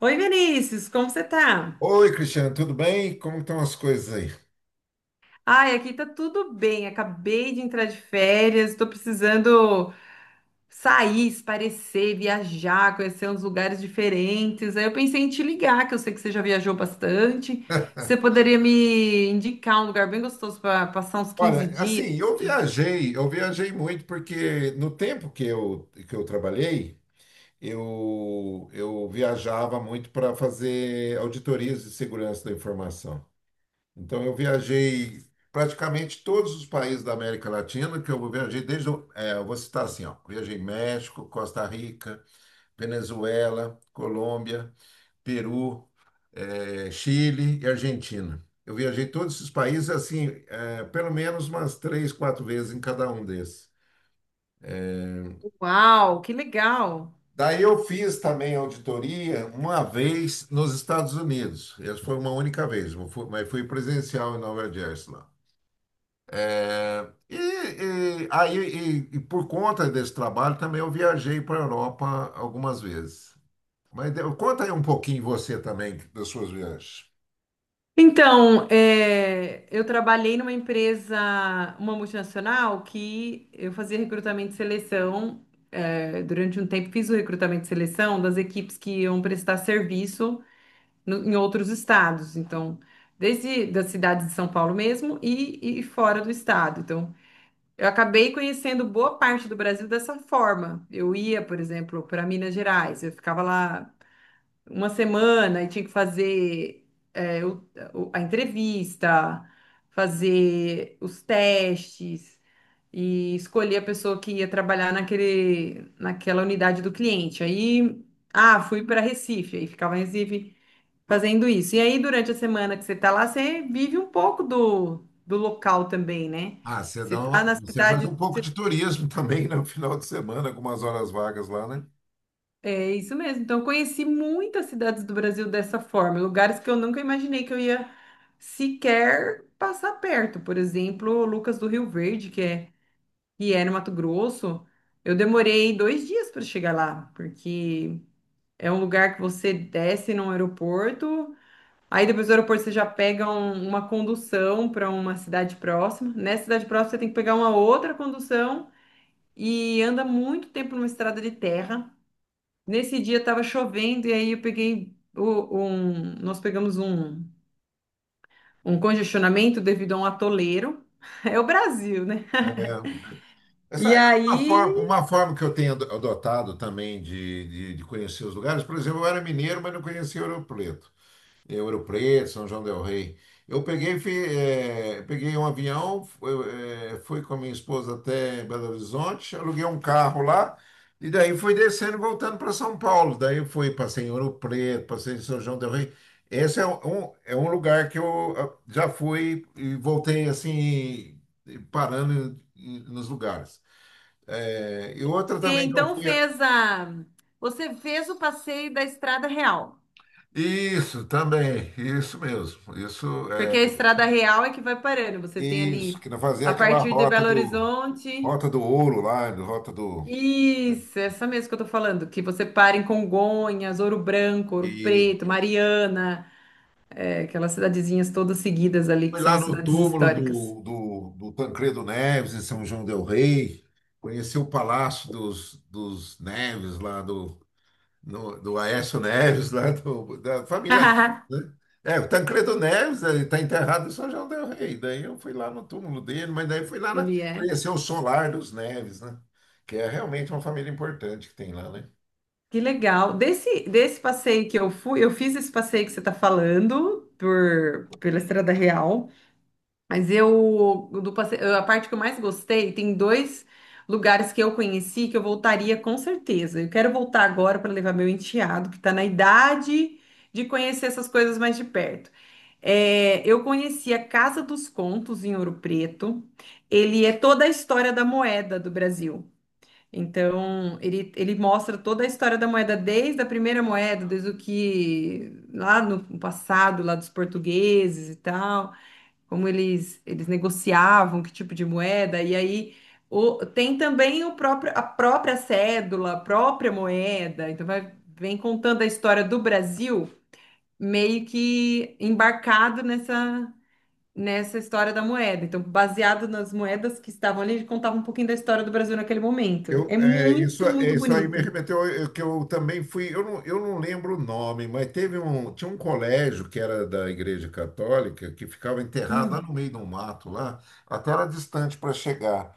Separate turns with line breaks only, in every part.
Oi, Vinícius, como você tá?
Oi, Cristiano, tudo bem? Como estão as coisas aí?
Ai, aqui tá tudo bem. Acabei de entrar de férias, tô precisando sair, esparecer, viajar, conhecer uns lugares diferentes. Aí eu pensei em te ligar, que eu sei que você já viajou bastante. Você poderia me indicar um lugar bem gostoso para passar uns 15
Olha,
dias?
assim, eu viajei muito porque no tempo que eu trabalhei, eu viajava muito para fazer auditorias de segurança da informação. Então, eu viajei praticamente todos os países da América Latina, que eu viajei desde, eu vou citar assim, ó, viajei México, Costa Rica, Venezuela, Colômbia, Peru, Chile e Argentina. Eu viajei todos esses países, assim, pelo menos umas três, quatro vezes em cada um desses.
Uau, que legal!
Daí eu fiz também auditoria uma vez nos Estados Unidos. Essa foi uma única vez, mas fui presencial em Nova Jersey lá. Eh, e, e- aí, e por conta desse trabalho também eu viajei para a Europa algumas vezes. Mas conta aí um pouquinho você também das suas viagens.
Então, é, eu trabalhei numa empresa, uma multinacional, que eu fazia recrutamento e seleção. É, durante um tempo fiz o recrutamento e seleção das equipes que iam prestar serviço em outros estados. Então, desde da cidade de São Paulo mesmo e fora do estado. Então, eu acabei conhecendo boa parte do Brasil dessa forma. Eu ia, por exemplo, para Minas Gerais, eu ficava lá uma semana e tinha que fazer é, o- a entrevista, fazer os testes e escolher a pessoa que ia trabalhar naquela unidade do cliente. Aí, ah, fui para Recife, aí ficava em Recife fazendo isso. E aí, durante a semana que você está lá, você vive um pouco do local também, né?
Ah, você
Você está na
você faz
cidade.
um pouco de turismo também né, no final de semana, com umas horas vagas lá, né?
É isso mesmo. Então, eu conheci muitas cidades do Brasil dessa forma, lugares que eu nunca imaginei que eu ia sequer passar perto. Por exemplo, Lucas do Rio Verde, que é no Mato Grosso. Eu demorei 2 dias para chegar lá, porque é um lugar que você desce num aeroporto, aí depois do aeroporto você já pega uma condução para uma cidade próxima. Nessa cidade próxima você tem que pegar uma outra condução e anda muito tempo numa estrada de terra. Nesse dia estava chovendo e aí eu peguei o- um, nós pegamos um congestionamento devido a um atoleiro. É o Brasil, né?
É,
E
essa é
aí,
uma forma que eu tenho adotado também de conhecer os lugares. Por exemplo, eu era mineiro, mas não conhecia Ouro Preto. Ouro Preto, São João del Rei. Eu peguei, fi- eh, peguei um avião, fui com a minha esposa até Belo Horizonte, aluguei um carro lá, e daí fui descendo e voltando para São Paulo. Daí eu fui, passei em Ouro Preto, passei em São João del Rei. Esse é um lugar que eu ah, já fui e voltei assim, e parando em nos lugares. E outra também que eu
então
fui.
fez a, você fez o passeio da Estrada Real,
Isso, também, isso mesmo. Isso é.
porque a Estrada Real é que vai parando. Você tem
Isso,
ali
que fazer
a
aquela
partir de Belo Horizonte.
rota do ouro lá, do- rota do né?
Isso, essa mesmo que eu tô falando, que você para em Congonhas, Ouro Branco, Ouro
E
Preto, Mariana, é, aquelas cidadezinhas todas seguidas ali que
foi
são
lá
as
no
cidades
túmulo
históricas.
do Tancredo Neves em São João del Rei, conheceu o Palácio dos Neves lá do no- do Aécio Neves lá do- da família Neves, né? É, o Tancredo Neves, ele está enterrado em São João del Rei. Daí eu fui lá no túmulo dele, mas daí fui lá
Ele é.
conhecer o solar dos Neves, né? Que é realmente uma família importante que tem lá, né?
Que legal. Desse passeio que eu fui, eu fiz esse passeio que você está falando pela Estrada Real, mas eu do passeio, a parte que eu mais gostei, tem dois lugares que eu conheci que eu voltaria com certeza. Eu quero voltar agora para levar meu enteado, que está na idade de conhecer essas coisas mais de perto. É, eu conheci a Casa dos Contos em Ouro Preto. Ele é toda a história da moeda do Brasil. Então, ele mostra toda a história da moeda, desde a primeira moeda, desde o que lá no passado, lá dos portugueses e tal, como eles negociavam, que tipo de moeda, e aí tem também o próprio, a própria cédula, a própria moeda, então vai, vem contando a história do Brasil meio que embarcado nessa história da moeda. Então, baseado nas moedas que estavam ali, ele contava um pouquinho da história do Brasil naquele momento.
Eu,
É
é, isso,
muito,
é,
muito
Isso aí me
bonita.
remeteu que eu também fui. Eu não lembro o nome, mas tinha um colégio que era da Igreja Católica que ficava enterrado lá no
Hum,
meio do mato, lá, até era distante para chegar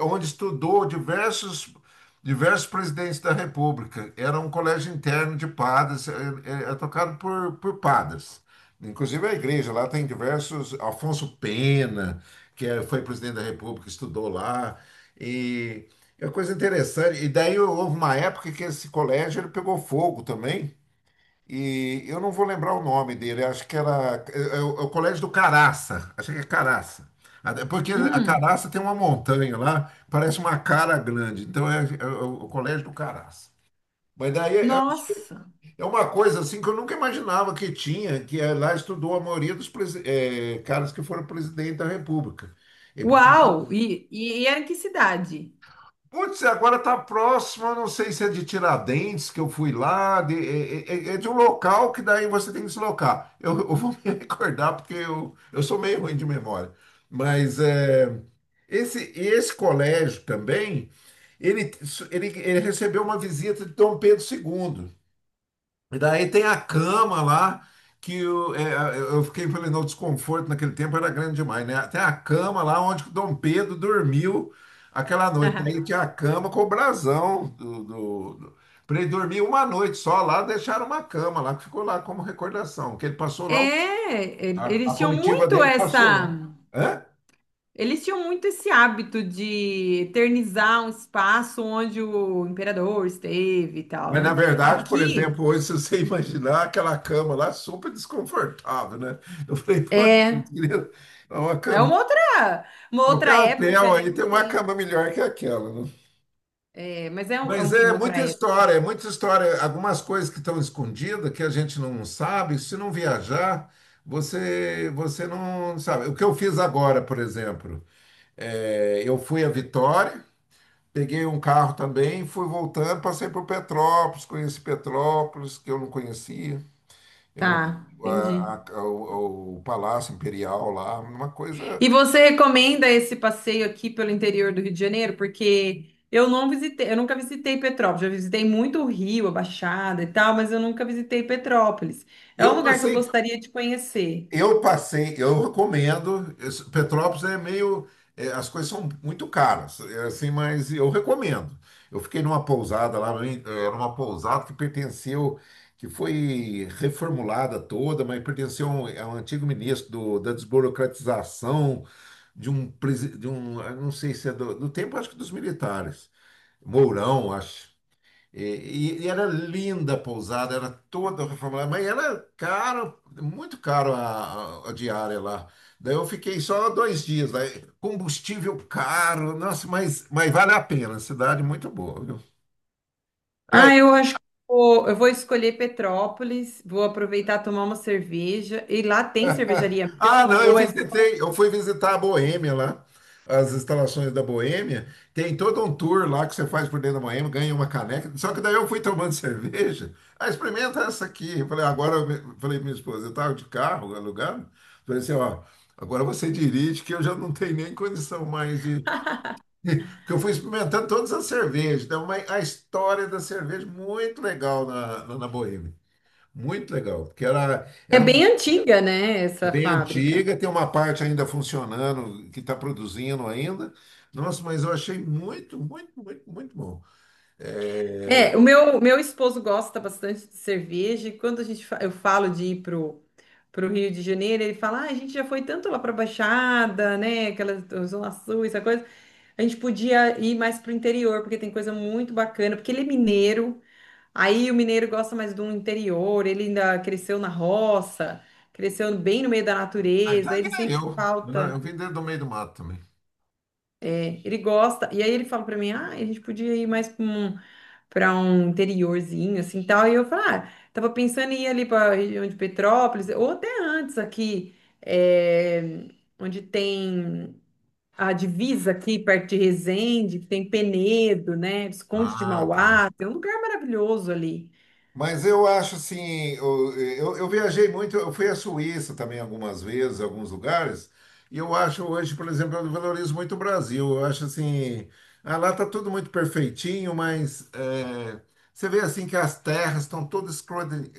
onde estudou diversos, diversos presidentes da República. Era um colégio interno de padres, tocado por padres. Inclusive a igreja lá tem diversos. Afonso Pena, que foi presidente da República, estudou lá. E é uma coisa interessante. E daí houve uma época que esse colégio ele pegou fogo também. E eu não vou lembrar o nome dele, acho que era o Colégio do Caraça, acho que é Caraça. Até porque a
hum,
Caraça tem uma montanha lá, parece uma cara grande, então é o Colégio do Caraça. Mas daí é,
nossa!
é uma coisa assim que eu nunca imaginava que tinha, lá estudou a maioria dos caras que foram presidente da República. É porque
Uau! E era em que cidade?
putz, agora tá próximo, eu não sei se é de Tiradentes, que eu fui lá, é de um local que daí você tem que deslocar. Eu vou me recordar porque eu sou meio ruim de memória. Mas é, esse colégio também, ele, ele recebeu uma visita de Dom Pedro II. E daí tem a cama lá, que eu, é, eu fiquei falei, não, o desconforto naquele tempo era grande demais, né? Tem a cama lá onde que o Dom Pedro dormiu aquela noite.
Aham.
Aí tinha a cama com o brasão pra ele dormir uma noite só lá, deixaram uma cama lá, que ficou lá como recordação, que ele passou lá,
É,
a, a
eles tinham
comitiva
muito
dele passou
essa.
lá. Hã?
Eles tinham muito esse hábito de eternizar um espaço onde o imperador esteve e tal,
Mas na
né?
verdade, por
Aqui
exemplo, hoje, se você imaginar aquela cama lá, super desconfortável, né? Eu falei, putz,
é
queria uma
é
cama.
uma
Qualquer
outra
hotel
época, né?
aí
Não
tem uma
tem.
cama melhor que aquela, né?
É, mas é
Mas
uma
é
outra.
muita história, é muita história. Algumas coisas que estão escondidas, que a gente não sabe, se não viajar, você não sabe. O que eu fiz agora, por exemplo, é, eu fui a Vitória, peguei um carro também, fui voltando, passei por Petrópolis, conheci Petrópolis, que eu não conhecia. Eu,
Tá, entendi.
o Palácio Imperial lá, uma coisa.
E você recomenda esse passeio aqui pelo interior do Rio de Janeiro? Porque eu não visitei, eu nunca visitei Petrópolis. Já visitei muito o Rio, a Baixada e tal, mas eu nunca visitei Petrópolis. É um
Eu
lugar que eu
passei
gostaria de conhecer.
Eu recomendo. Petrópolis é meio, é, as coisas são muito caras, é assim, mas eu recomendo. Eu fiquei numa pousada lá, era uma pousada que pertenceu, que foi reformulada toda, mas pertenceu a um antigo ministro do- da desburocratização de um, de um, eu não sei se é do tempo, acho que dos militares, Mourão, acho. E, era linda a pousada, era toda reformulada, mas era caro, muito caro a, a diária lá. Daí eu fiquei só dois dias, daí combustível caro, nossa, mas vale a pena, cidade muito boa, viu? Ah,
Ah, eu acho que eu vou escolher Petrópolis, vou aproveitar tomar uma cerveja. E lá tem cervejaria
ah,
mesmo?
não, eu
Ou é, só-
visitei, eu fui visitar a Boêmia lá, as instalações da Boêmia. Tem todo um tour lá que você faz por dentro da Boêmia, ganha uma caneca. Só que daí eu fui tomando cerveja. Ah, experimenta essa aqui. Eu falei, agora, eu falei pra minha esposa, eu estava de carro alugado. Falei assim, ó, agora você dirige que eu já não tenho nem condição mais de. Porque eu fui experimentando todas as cervejas. Então, a história da cerveja, muito legal na Boêmia. Muito legal, porque era,
é
era um
bem antiga, né,
é
essa
bem
fábrica?
antiga, tem uma parte ainda funcionando, que está produzindo ainda. Nossa, mas eu achei muito, muito, muito, muito bom.
É, o meu esposo gosta bastante de cerveja e quando eu falo de ir pro, Rio de Janeiro, ele fala, ah, a gente já foi tanto lá pra Baixada, né, aquela Zona Sul, essa coisa, a gente podia ir mais pro interior, porque tem coisa muito bacana, porque ele é mineiro, aí o mineiro gosta mais do interior, ele ainda cresceu na roça, cresceu bem no meio da
Ah, então
natureza,
é que
ele
nem
sente
eu. Eu, eu
falta,
vim dentro do meio do mato também.
ele gosta, e aí ele fala pra mim, ah, a gente podia ir mais para um interiorzinho, assim, tal. E eu falei, ah, tava pensando em ir ali para região de Petrópolis, ou até antes aqui, eh, onde tem a divisa aqui, perto de Resende, que tem Penedo, né? Visconde de
Ah,
Mauá, tem um lugar maravilhoso ali.
mas eu acho assim, eu viajei muito, eu fui à Suíça também algumas vezes, alguns lugares, e eu acho hoje, por exemplo, eu valorizo muito o Brasil. Eu acho assim, ah, lá está tudo muito perfeitinho, mas é, você vê assim que as terras estão todas escrotas,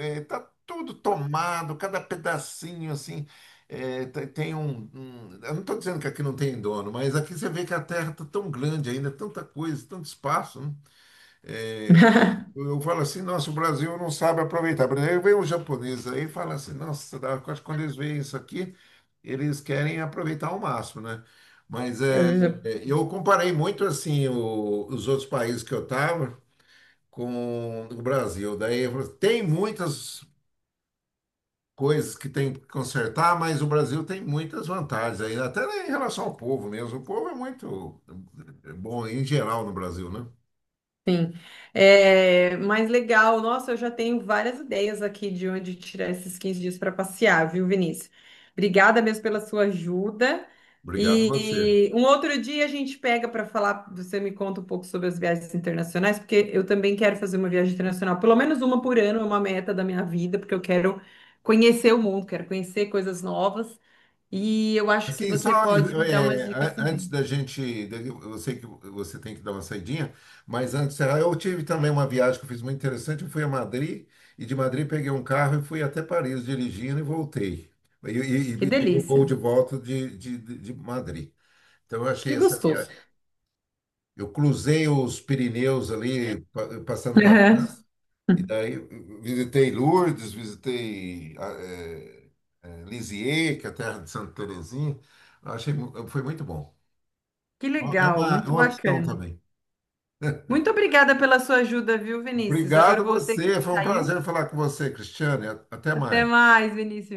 está tudo tomado, cada pedacinho assim. É, tem um, eu não estou dizendo que aqui não tem dono, mas aqui você vê que a terra está tão grande ainda, tanta coisa, tanto espaço, né? Eu falo assim, nossa, o Brasil não sabe aproveitar. Por exemplo, vem um japonês aí e fala assim, nossa, eu acho que quando eles veem isso aqui, eles querem aproveitar ao máximo, né? Mas é, é, eu comparei muito assim os outros países que eu estava com o Brasil. Daí eu falo, tem muitas coisas que tem que consertar, mas o Brasil tem muitas vantagens aí, até em relação ao povo mesmo. O povo é muito é bom em geral no Brasil, né?
Sim. É, mas legal, nossa, eu já tenho várias ideias aqui de onde tirar esses 15 dias para passear, viu, Vinícius? Obrigada mesmo pela sua ajuda.
Obrigado a você.
E um outro dia a gente pega para falar, você me conta um pouco sobre as viagens internacionais, porque eu também quero fazer uma viagem internacional, pelo menos uma por ano, é uma meta da minha vida, porque eu quero conhecer o mundo, quero conhecer coisas novas. E eu acho que
Assim,
você
só
pode me dar umas dicas
antes
também.
da gente, eu sei que você tem que dar uma saidinha, mas antes, ah, eu tive também uma viagem que eu fiz muito interessante. Eu fui a Madrid e de Madrid peguei um carro e fui até Paris dirigindo e voltei. E,
Que
peguei o voo
delícia,
de volta de Madrid. Então eu achei
que
essa
gostoso.
viagem. Eu cruzei os Pirineus ali, passando para a França. E daí visitei Lourdes, visitei Lisieux, que é a terra de Santa Terezinha. Eu achei, foi muito bom.
Que legal,
É
muito
uma opção
bacana.
também.
Muito obrigada pela sua ajuda, viu, Vinícius? Agora
Obrigado a
eu vou ter que
você. Foi um
sair.
prazer falar com você, Cristiane. Até
Até
mais.
mais, Vinícius.